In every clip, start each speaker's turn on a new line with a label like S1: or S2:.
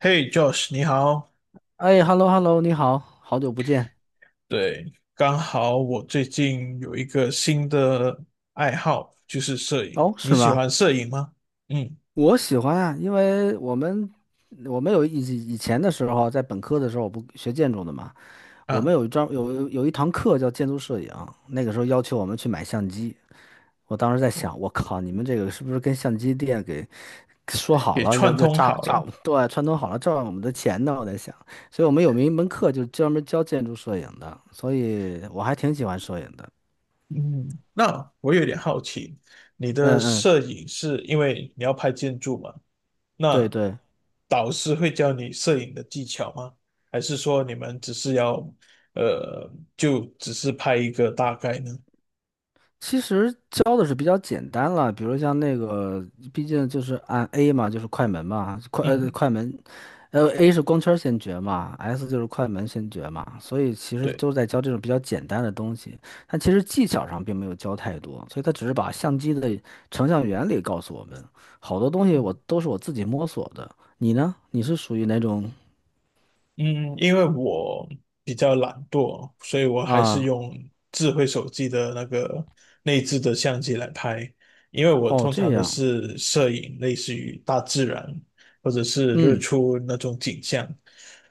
S1: 嘿，Josh，你好。
S2: 哎，hello hello，你好，好久不见。
S1: 对，刚好我最近有一个新的爱好，就是摄影。
S2: 哦，
S1: 你
S2: 是
S1: 喜
S2: 吗？
S1: 欢摄影吗？嗯，
S2: 我喜欢啊，因为我们有以前的时候啊，在本科的时候，我不学建筑的嘛，我们
S1: 啊，
S2: 有一堂课叫建筑摄影，那个时候要求我们去买相机。我当时在想，我靠，你们这个是不是跟相机店给说好
S1: 也
S2: 了要
S1: 串
S2: 要
S1: 通好了。
S2: 对串通好了诈我们的钱呢？我在想，所以我们有一门课就专门教建筑摄影的，所以我还挺喜欢摄影的。
S1: 嗯，那我有点好奇，你的
S2: 嗯嗯，
S1: 摄影是因为你要拍建筑吗？
S2: 对
S1: 那
S2: 对。
S1: 导师会教你摄影的技巧吗？还是说你们只是要，呃，就只是拍一个大概呢？
S2: 其实教的是比较简单了，比如像那个，毕竟就是按 A 嘛，就是快门嘛，快呃
S1: 嗯，
S2: 快门，A 是光圈先决嘛，S 就是快门先决嘛，所以其实
S1: 对。
S2: 都在教这种比较简单的东西，但其实技巧上并没有教太多，所以他只是把相机的成像原理告诉我们，好多东西
S1: 嗯
S2: 我都是我自己摸索的。你呢？你是属于哪种
S1: 嗯，因为我比较懒惰，所以我还是
S2: 啊？
S1: 用智慧手机的那个内置的相机来拍。因为我
S2: 哦，
S1: 通
S2: 这
S1: 常都
S2: 样，
S1: 是摄影，类似于大自然或者是日
S2: 嗯，
S1: 出那种景象，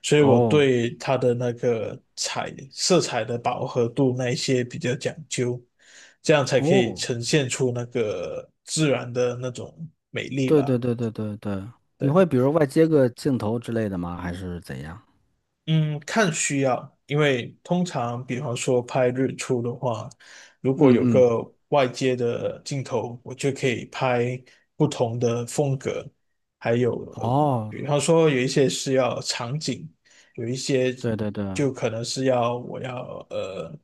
S1: 所以我
S2: 哦
S1: 对它的那个彩色彩的饱和度那一些比较讲究，这样才可以
S2: 哦。
S1: 呈现出那个自然的那种美丽
S2: 对对
S1: 吧。
S2: 对对对对，你
S1: 对。
S2: 会比如外接个镜头之类的吗？还是怎样？
S1: 嗯，看需要，因为通常比方说拍日出的话，如果
S2: 嗯
S1: 有
S2: 嗯，
S1: 个外接的镜头，我就可以拍不同的风格，还有，
S2: 哦，
S1: 比方说有一些是要场景，有一些
S2: 对对对，
S1: 就可能是要我要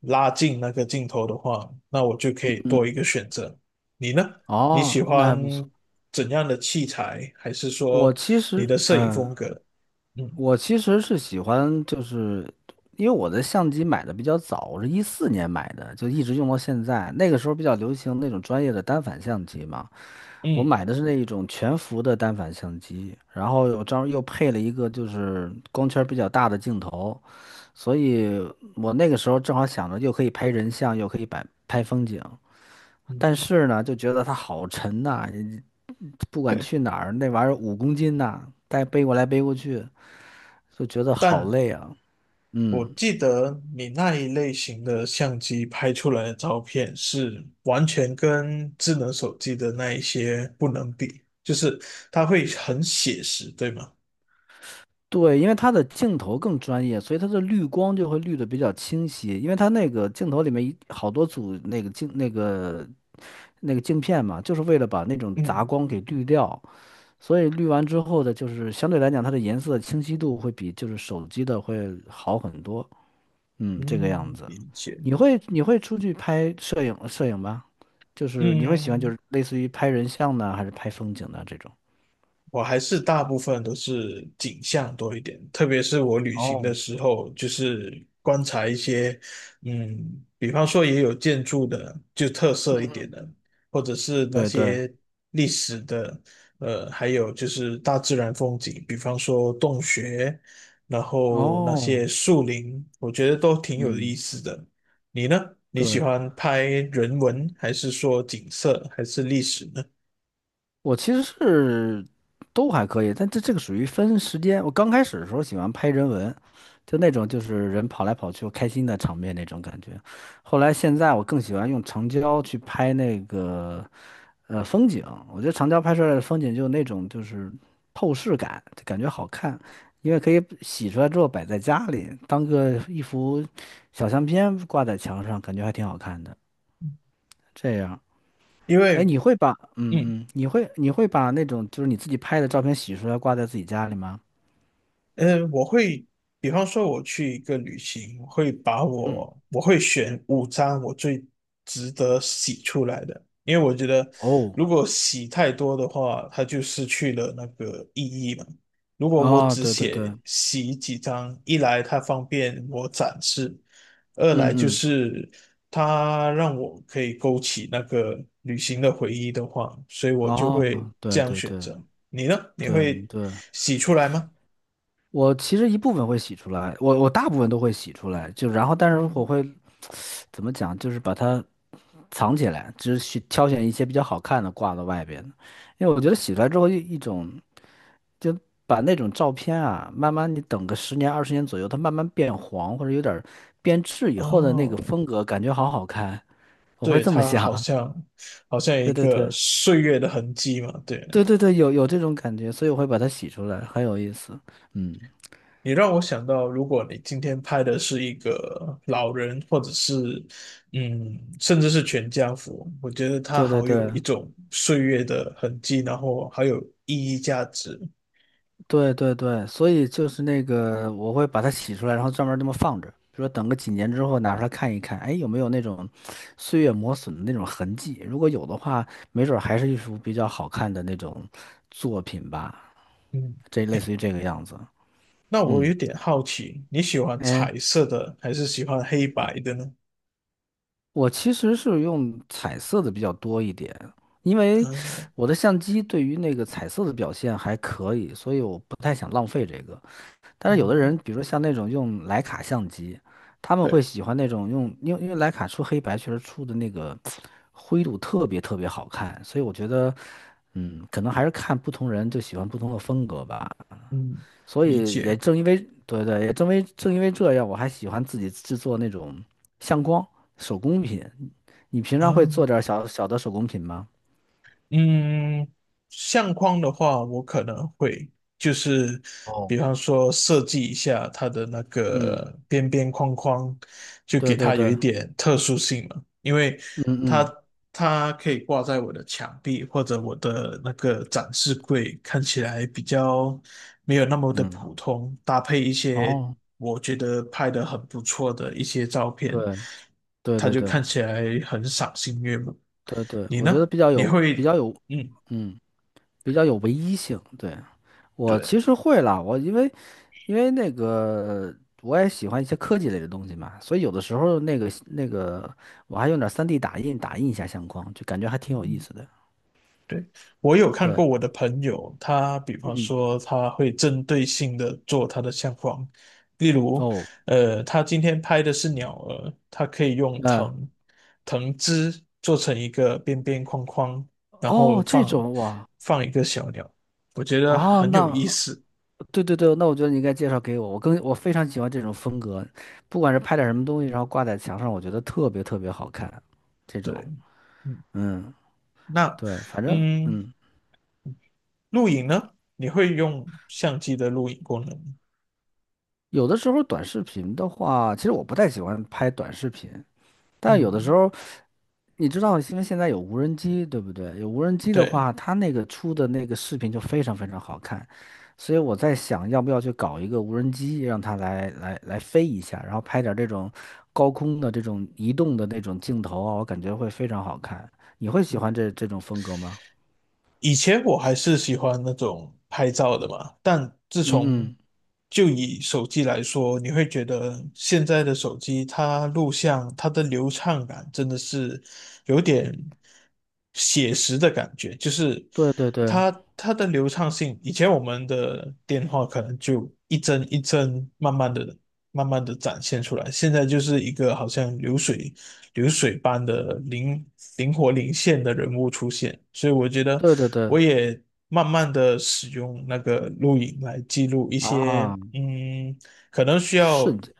S1: 拉近那个镜头的话，那我就可以多一
S2: 嗯，
S1: 个选择。你呢？你喜
S2: 哦，那还
S1: 欢
S2: 不错。
S1: 怎样的器材，还是
S2: 我
S1: 说
S2: 其
S1: 你
S2: 实，
S1: 的摄影
S2: 嗯，
S1: 风格？嗯。
S2: 我其实是喜欢，就是因为我的相机买的比较早，我是一四年买的，就一直用到现在。那个时候比较流行那种专业的单反相机嘛，我
S1: 嗯，
S2: 买的是那一种全幅的单反相机，然后有张又配了一个就是光圈比较大的镜头，所以我那个时候正好想着又可以拍人像，又可以摆拍风景，但
S1: 嗯，
S2: 是呢，就觉得它好沉呐、不管去 哪儿，那玩意儿五公斤呐、带背过来背过去。就觉得好
S1: 但
S2: 累啊。
S1: 我
S2: 嗯，
S1: 记得你那一类型的相机拍出来的照片是完全跟智能手机的那一些不能比，就是它会很写实，对吗？
S2: 对，因为它的镜头更专业，所以它的滤光就会滤的比较清晰。因为它那个镜头里面好多组那个镜那个那个镜片嘛，就是为了把那种杂
S1: 嗯
S2: 光给滤掉。所以滤完之后的，就是相对来讲，它的颜色清晰度会比就是手机的会好很多。嗯，这个样
S1: 嗯，
S2: 子。
S1: 理解。
S2: 你会出去拍摄影吗？就是你会喜欢就
S1: 嗯，
S2: 是类似于拍人像呢，还是拍风景呢这种？
S1: 我还是大部分都是景象多一点，特别是我旅行的
S2: 哦，
S1: 时候，就是观察一些，比方说也有建筑的，就特色一点的，或者是那
S2: 对对。
S1: 些历史的，还有就是大自然风景，比方说洞穴，然后那
S2: 哦，
S1: 些树林，我觉得都挺有意
S2: 嗯，
S1: 思的。你呢？你喜
S2: 对，
S1: 欢拍人文，还是说景色，还是历史呢？
S2: 我其实是都还可以，但这个属于分时间。我刚开始的时候喜欢拍人文，就那种就是人跑来跑去开心的场面那种感觉。后来现在我更喜欢用长焦去拍那个风景，我觉得长焦拍出来的风景就那种就是透视感，就感觉好看，因为可以洗出来之后摆在家里，当个一幅小相片挂在墙上，感觉还挺好看的。这样。
S1: 因
S2: 哎，
S1: 为
S2: 你会把嗯
S1: 嗯。
S2: 嗯，你会你会把那种就是你自己拍的照片洗出来挂在自己家里吗？
S1: 嗯，我会，比方说我去一个旅行，
S2: 嗯，
S1: 我会选五张我最值得洗出来的，因为我觉得
S2: 哦，
S1: 如果洗太多的话，它就失去了那个意义嘛。如果我
S2: 哦，
S1: 只
S2: 对对对，
S1: 写
S2: 嗯
S1: 洗几张，一来它方便我展示，二来就
S2: 嗯，
S1: 是它让我可以勾起那个旅行的回忆的话，所以我就
S2: 哦，
S1: 会这
S2: 对
S1: 样
S2: 对
S1: 选
S2: 对
S1: 择。你呢？你
S2: 对
S1: 会
S2: 对，
S1: 洗出来吗？
S2: 我其实一部分会洗出来，我大部分都会洗出来，就然后但是我会怎么讲，就是把它藏起来，只是挑选一些比较好看的挂到外边的因为我觉得洗出来之后一种。就把那种照片啊，慢慢你等个十年二十年左右，它慢慢变黄或者有点儿变质以后的那个
S1: 哦，
S2: 风格，感觉好好看。我会
S1: 对，
S2: 这么
S1: 它好
S2: 想。
S1: 像一
S2: 对对
S1: 个
S2: 对
S1: 岁月的痕迹嘛。对，
S2: 对对对，有有这种感觉，所以我会把它洗出来，很有意思。嗯，
S1: 你让我想到，如果你今天拍的是一个老人，或者是甚至是全家福，我觉得它
S2: 对对
S1: 好有
S2: 对
S1: 一种岁月的痕迹，然后还有意义价值。
S2: 对对对，所以就是那个，我会把它洗出来，然后专门这么放着，比如说等个几年之后拿出来看一看，哎，有没有那种岁月磨损的那种痕迹？如果有的话，没准儿还是一幅比较好看的那种作品吧，
S1: 嗯，
S2: 这类似于这个样子。
S1: 那我有
S2: 嗯，
S1: 点好奇，你喜欢
S2: 哎，
S1: 彩色的还是喜欢黑白的呢？
S2: 我其实是用彩色的比较多一点，因
S1: 啊，
S2: 为我的相机对于那个彩色的表现还可以，所以我不太想浪费这个。但是有的人，
S1: 嗯，
S2: 比如说像那种用徕卡相机，他们会
S1: 对，
S2: 喜欢那种用，因为徕卡出黑白确实出的那个灰度特别特别好看，所以我觉得，嗯，可能还是看不同人就喜欢不同的风格吧。
S1: 嗯，
S2: 所
S1: 理
S2: 以
S1: 解
S2: 也正因为，对对，也正为正因为这样，我还喜欢自己制作那种相框手工品。你平常
S1: 啊。
S2: 会做点儿小小的手工品吗？
S1: 嗯，相框的话，我可能会就是，
S2: 哦，
S1: 比方说设计一下它的那
S2: 嗯，
S1: 个边边框框，就
S2: 对
S1: 给
S2: 对
S1: 它有一
S2: 对，
S1: 点特殊性嘛，因为
S2: 嗯
S1: 它
S2: 嗯
S1: 它可以挂在我的墙壁或者我的那个展示柜，看起来比较没有那么的
S2: 嗯，
S1: 普通，搭配一些
S2: 哦，
S1: 我觉得拍的很不错的一些照片，
S2: 对对
S1: 它
S2: 对
S1: 就
S2: 对，
S1: 看起来很赏心悦目。
S2: 对对，
S1: 你
S2: 我觉得
S1: 呢？你会嗯，
S2: 嗯，比较有唯一性。对，我
S1: 对，
S2: 其实会啦，我因为那个我也喜欢一些科技类的东西嘛，所以有的时候那个我还用点 3D 打印打印一下相框，就感觉还挺有意
S1: 嗯，
S2: 思的。
S1: 对，我有看
S2: 对，
S1: 过我的朋友，他比方
S2: 嗯，
S1: 说他会针对性的做他的相框，例如，
S2: 哦，
S1: 他今天拍的是鸟儿，他可以用
S2: 嗯，
S1: 藤枝做成一个边边框框，然后
S2: 哦，这
S1: 放
S2: 种哇，
S1: 放一个小鸟，我觉得
S2: 哦，
S1: 很有意
S2: 那
S1: 思。
S2: 对对对，那我觉得你应该介绍给我，我非常喜欢这种风格，不管是拍点什么东西，然后挂在墙上，我觉得特别特别好看，这
S1: 对，
S2: 种。
S1: 嗯，
S2: 嗯，
S1: 那
S2: 对，反正
S1: 嗯，
S2: 嗯，
S1: 录影呢，你会用相机的录影功能吗？
S2: 有的时候短视频的话，其实我不太喜欢拍短视频，但有的时
S1: 嗯，
S2: 候，你知道，因为现在有无人机，对不对？有无人机的
S1: 对。
S2: 话，它那个出的那个视频就非常非常好看，所以我在想，要不要去搞一个无人机，让它来来来飞一下，然后拍点儿这种高空的这种移动的那种镜头啊，我感觉会非常好看。你会喜欢这种风格吗？
S1: 以前我还是喜欢那种拍照的嘛，但自
S2: 嗯
S1: 从
S2: 嗯，
S1: 就以手机来说，你会觉得现在的手机它录像它的流畅感真的是有点写实的感觉，就是
S2: 对对对
S1: 它的流畅性，以前我们的电话可能就一帧一帧慢慢的展现出来，现在就是一个好像流水。流水般的灵现的人物出现，所以我觉得
S2: 对对对，
S1: 我也慢慢的使用那个录影来记录一些，
S2: 啊，
S1: 嗯，可能需
S2: 瞬
S1: 要
S2: 间。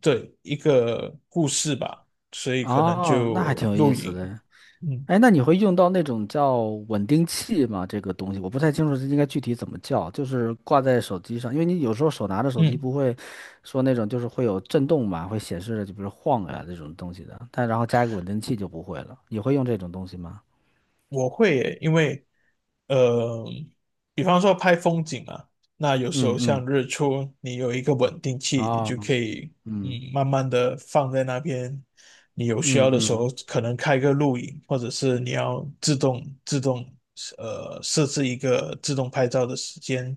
S1: 对一个故事吧，所以可能
S2: 哦，那还
S1: 就
S2: 挺有
S1: 录
S2: 意思
S1: 影，
S2: 的。
S1: 嗯
S2: 哎，那你会用到那种叫稳定器吗？这个东西我不太清楚，这应该具体怎么叫，就是挂在手机上，因为你有时候手拿着手机
S1: 嗯。
S2: 不会说那种就是会有震动嘛，会显示就比如晃呀、这种东西的，但然后加一个稳定器就不会了。你会用这种东西吗？
S1: 我会耶，因为呃，比方说拍风景啊，那有时
S2: 嗯
S1: 候像
S2: 嗯，
S1: 日出，你有一个稳定器，你
S2: 哦，
S1: 就可以
S2: 嗯
S1: 慢慢的放在那边。你有需
S2: 嗯
S1: 要的时
S2: 嗯，
S1: 候，可能开个录影，或者是你要自动设置一个自动拍照的时间，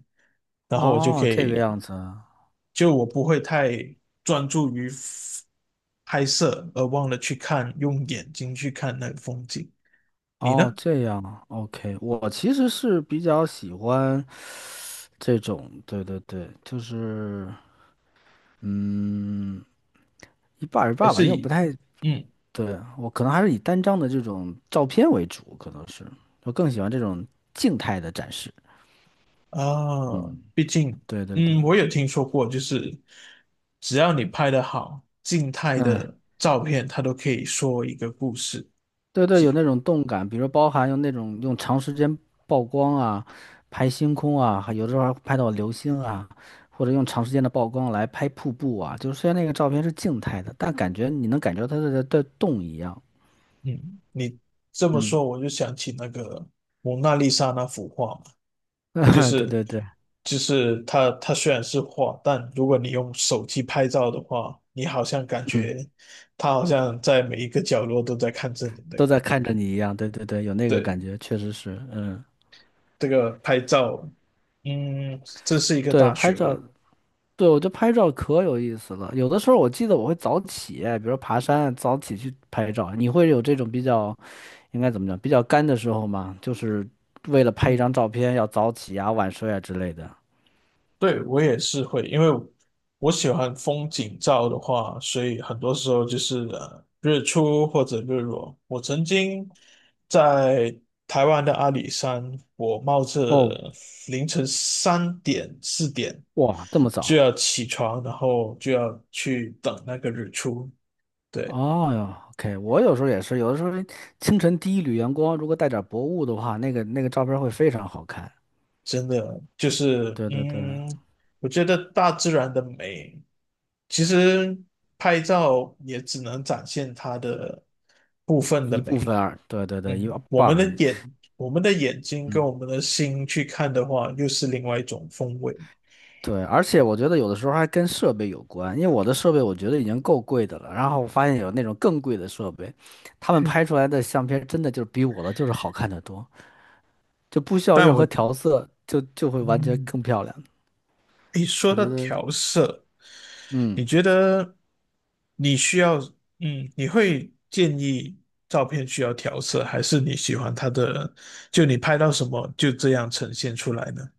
S1: 然后我就
S2: 哦，
S1: 可
S2: 这个
S1: 以，
S2: 样子啊。
S1: 就我不会太专注于拍摄，而忘了去看，用眼睛去看那个风景。你
S2: 哦，
S1: 呢？
S2: 这样啊，OK,我其实是比较喜欢这种，对对对，就是嗯，一半儿一
S1: 还
S2: 半儿吧，
S1: 是
S2: 因为我不
S1: 以
S2: 太，
S1: 嗯
S2: 对，我可能还是以单张的这种照片为主，可能是我更喜欢这种静态的展示。
S1: 啊，
S2: 嗯，
S1: 毕竟
S2: 对对对，
S1: 我有听说过，就是只要你拍的好，静态
S2: 嗯，
S1: 的照片它都可以说一个故事。
S2: 对对，有
S1: 即
S2: 那种动感，比如包含用那种用长时间曝光啊，拍星空啊，还有的时候还拍到流星啊，或者用长时间的曝光来拍瀑布啊，就是虽然那个照片是静态的，但感觉你能感觉到它在动一样。
S1: 嗯，你这么说，
S2: 嗯，
S1: 我就想起那个蒙娜丽莎那幅画嘛，就
S2: 对
S1: 是
S2: 对对，
S1: 就是它虽然是画，但如果你用手机拍照的话，你好像感
S2: 嗯。
S1: 觉它好像在每一个角落都在看着你的。
S2: 都在看着你一样，对对对，有那个
S1: 对，
S2: 感觉，确实是，嗯，
S1: 这个拍照，这是一个
S2: 对，
S1: 大
S2: 拍
S1: 学
S2: 照，
S1: 问。
S2: 对，我觉得拍照可有意思了。有的时候我记得我会早起，比如说爬山，早起去拍照。你会有这种比较，应该怎么讲，比较干的时候吗？就是为了拍一
S1: 嗯，
S2: 张照片要早起啊、晚睡啊之类的。
S1: 对，我也是会，因为我喜欢风景照的话，所以很多时候就是日出或者日落。我曾经在台湾的阿里山，我冒
S2: 哦，
S1: 着凌晨3点4点
S2: 哇，这么
S1: 就
S2: 早？
S1: 要起床，然后就要去等那个日出。对，
S2: 哦哟，OK,我有时候也是，有的时候清晨第一缕阳光，如果带点薄雾的话，那个那个照片会非常好看。
S1: 真的就是，
S2: 对对对，
S1: 我觉得大自然的美，其实拍照也只能展现它的部分的
S2: 一部
S1: 美。
S2: 分而，对对对，一
S1: 我
S2: 半儿
S1: 们的
S2: 而已。
S1: 眼睛跟
S2: 嗯，
S1: 我们的心去看的话，又是另外一种风味。
S2: 对，而且我觉得有的时候还跟设备有关，因为我的设备我觉得已经够贵的了，然后我发现有那种更贵的设备，他们
S1: 嗯
S2: 拍出来的相片真的就是比我的就是好看的多，就不需要
S1: 但
S2: 任
S1: 我，
S2: 何调色，就会完全
S1: 嗯，
S2: 更漂亮。
S1: 诶，说
S2: 我
S1: 到
S2: 觉得，
S1: 调色，你
S2: 嗯。
S1: 觉得你需要，你会建议照片需要调色，还是你喜欢它的，就你拍到什么就这样呈现出来呢？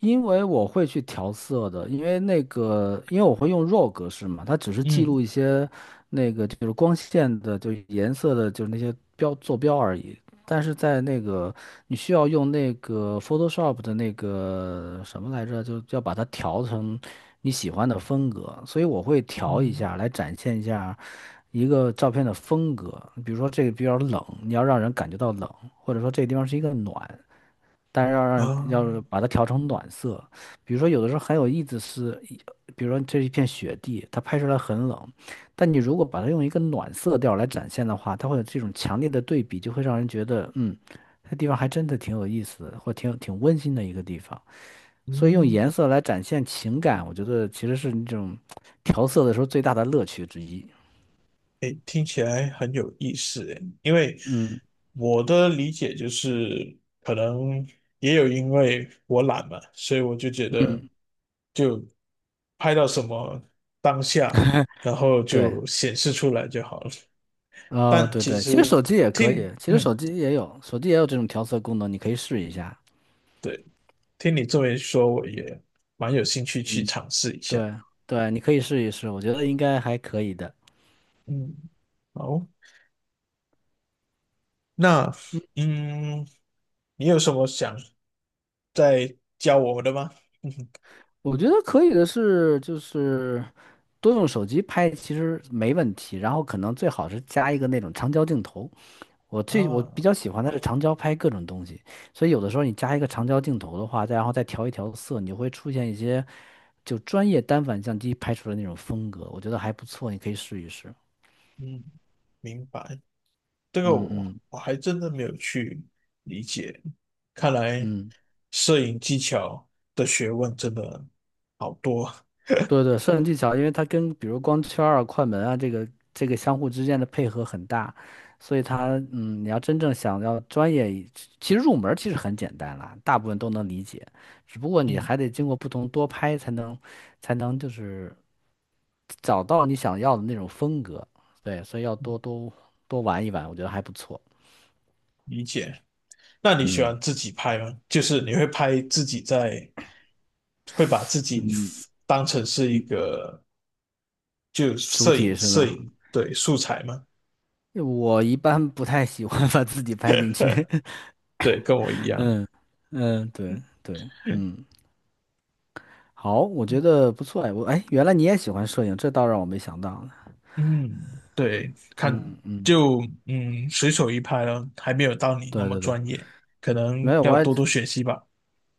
S2: 因为我会去调色的，因为那个，因为我会用 RAW 格式嘛，它只是记
S1: 嗯
S2: 录一些那个就是光线的，就是颜色的，就是那些标坐标而已。但是在那个你需要用那个 Photoshop 的那个什么来着，就要把它调成你喜欢的风格，所以我会调一
S1: 嗯
S2: 下来展现一下一个照片的风格。比如说这个比较冷，你要让人感觉到冷，或者说这个地方是一个暖，但是要让
S1: 啊，
S2: 要是把它调成暖色，比如说有的时候很有意思是，一比如说这是一片雪地，它拍出来很冷，但你如果把它用一个暖色调来展现的话，它会有这种强烈的对比，就会让人觉得，嗯，那地方还真的挺有意思的，或挺有挺温馨的一个地方。所以用
S1: 嗯
S2: 颜色来展现情感，我觉得其实是那种调色的时候最大的乐趣之一。
S1: 诶，听起来很有意思诶，因为
S2: 嗯
S1: 我的理解就是，可能也有因为我懒嘛，所以我就觉得
S2: 嗯，
S1: 就拍到什么当下，然后
S2: 对。
S1: 就显示出来就好了。
S2: 啊、
S1: 但
S2: 对
S1: 其
S2: 对，其实
S1: 实
S2: 手机也可以，
S1: 听，
S2: 其实手
S1: 嗯，
S2: 机也有，手机也有这种调色功能，你可以试一下。
S1: 对，听你这么一说，我也蛮有兴趣去
S2: 嗯，
S1: 尝试一下。
S2: 对对，你可以试一试，我觉得应该还可以的。
S1: 嗯，好，那嗯，你有什么想再教我的吗？嗯
S2: 我觉得可以的是，就是多用手机拍其实没问题，然后可能最好是加一个那种长焦镜头。我比
S1: 啊。
S2: 较喜欢的是长焦拍各种东西，所以有的时候你加一个长焦镜头的话，再然后再调一调色，你会出现一些就专业单反相机拍出的那种风格，我觉得还不错，你可以试一试。
S1: 嗯，明白。这个
S2: 嗯
S1: 我
S2: 嗯
S1: 我还真的没有去理解，看来
S2: 嗯。
S1: 摄影技巧的学问真的好多。
S2: 对对，摄影技巧，因为它跟比如光圈儿啊、快门啊这个相互之间的配合很大，所以它嗯，你要真正想要专业一其实入门儿其实很简单啦，大部分都能理解，只不过你
S1: 嗯，
S2: 还得经过不同多拍才能就是找到你想要的那种风格，对，所以要
S1: 嗯
S2: 多多多玩一玩，我觉得还不错。
S1: 理解。那你喜
S2: 嗯
S1: 欢自己拍吗？就是你会拍自己在，会把自己
S2: 嗯，
S1: 当成是一个就
S2: 主
S1: 摄
S2: 体
S1: 影
S2: 是
S1: 摄
S2: 吗？
S1: 影对素材吗？
S2: 我一般不太喜欢 把自己拍进去。
S1: 对，跟我一 样。
S2: 嗯嗯，对对，嗯。好，我觉得不错哎，我哎，原来你也喜欢摄影，这倒让我没想到呢。
S1: 嗯，对，看
S2: 嗯嗯，
S1: 就随手一拍了，还没有到你那
S2: 对
S1: 么
S2: 对对，
S1: 专业，可
S2: 没
S1: 能
S2: 有，
S1: 要
S2: 我也
S1: 多多学习吧。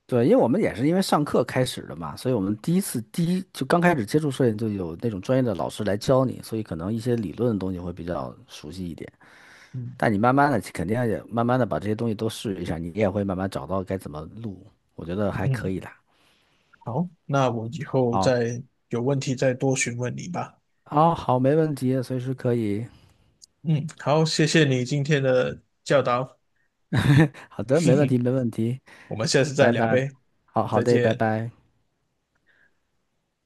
S2: 对，因为我们也是因为上课开始的嘛，所以我们第一就刚开始接触摄影，就有那种专业的老师来教你，所以可能一些理论的东西会比较熟悉一点。
S1: 嗯
S2: 但你慢慢的肯定也慢慢的把这些东西都试一下，你也会慢慢找到该怎么录，我觉得还可
S1: 嗯，
S2: 以的。
S1: 好，那我以后
S2: 好，
S1: 再有问题再多询问你吧。
S2: 哦，好，没问题，随时可以。
S1: 嗯，好，谢谢你今天的教导，
S2: 好 的，
S1: 哼
S2: 没问题，
S1: 哼，
S2: 没问题，
S1: 我们下次再
S2: 拜
S1: 聊
S2: 拜。
S1: 呗，
S2: 好好
S1: 再
S2: 的，拜
S1: 见。
S2: 拜。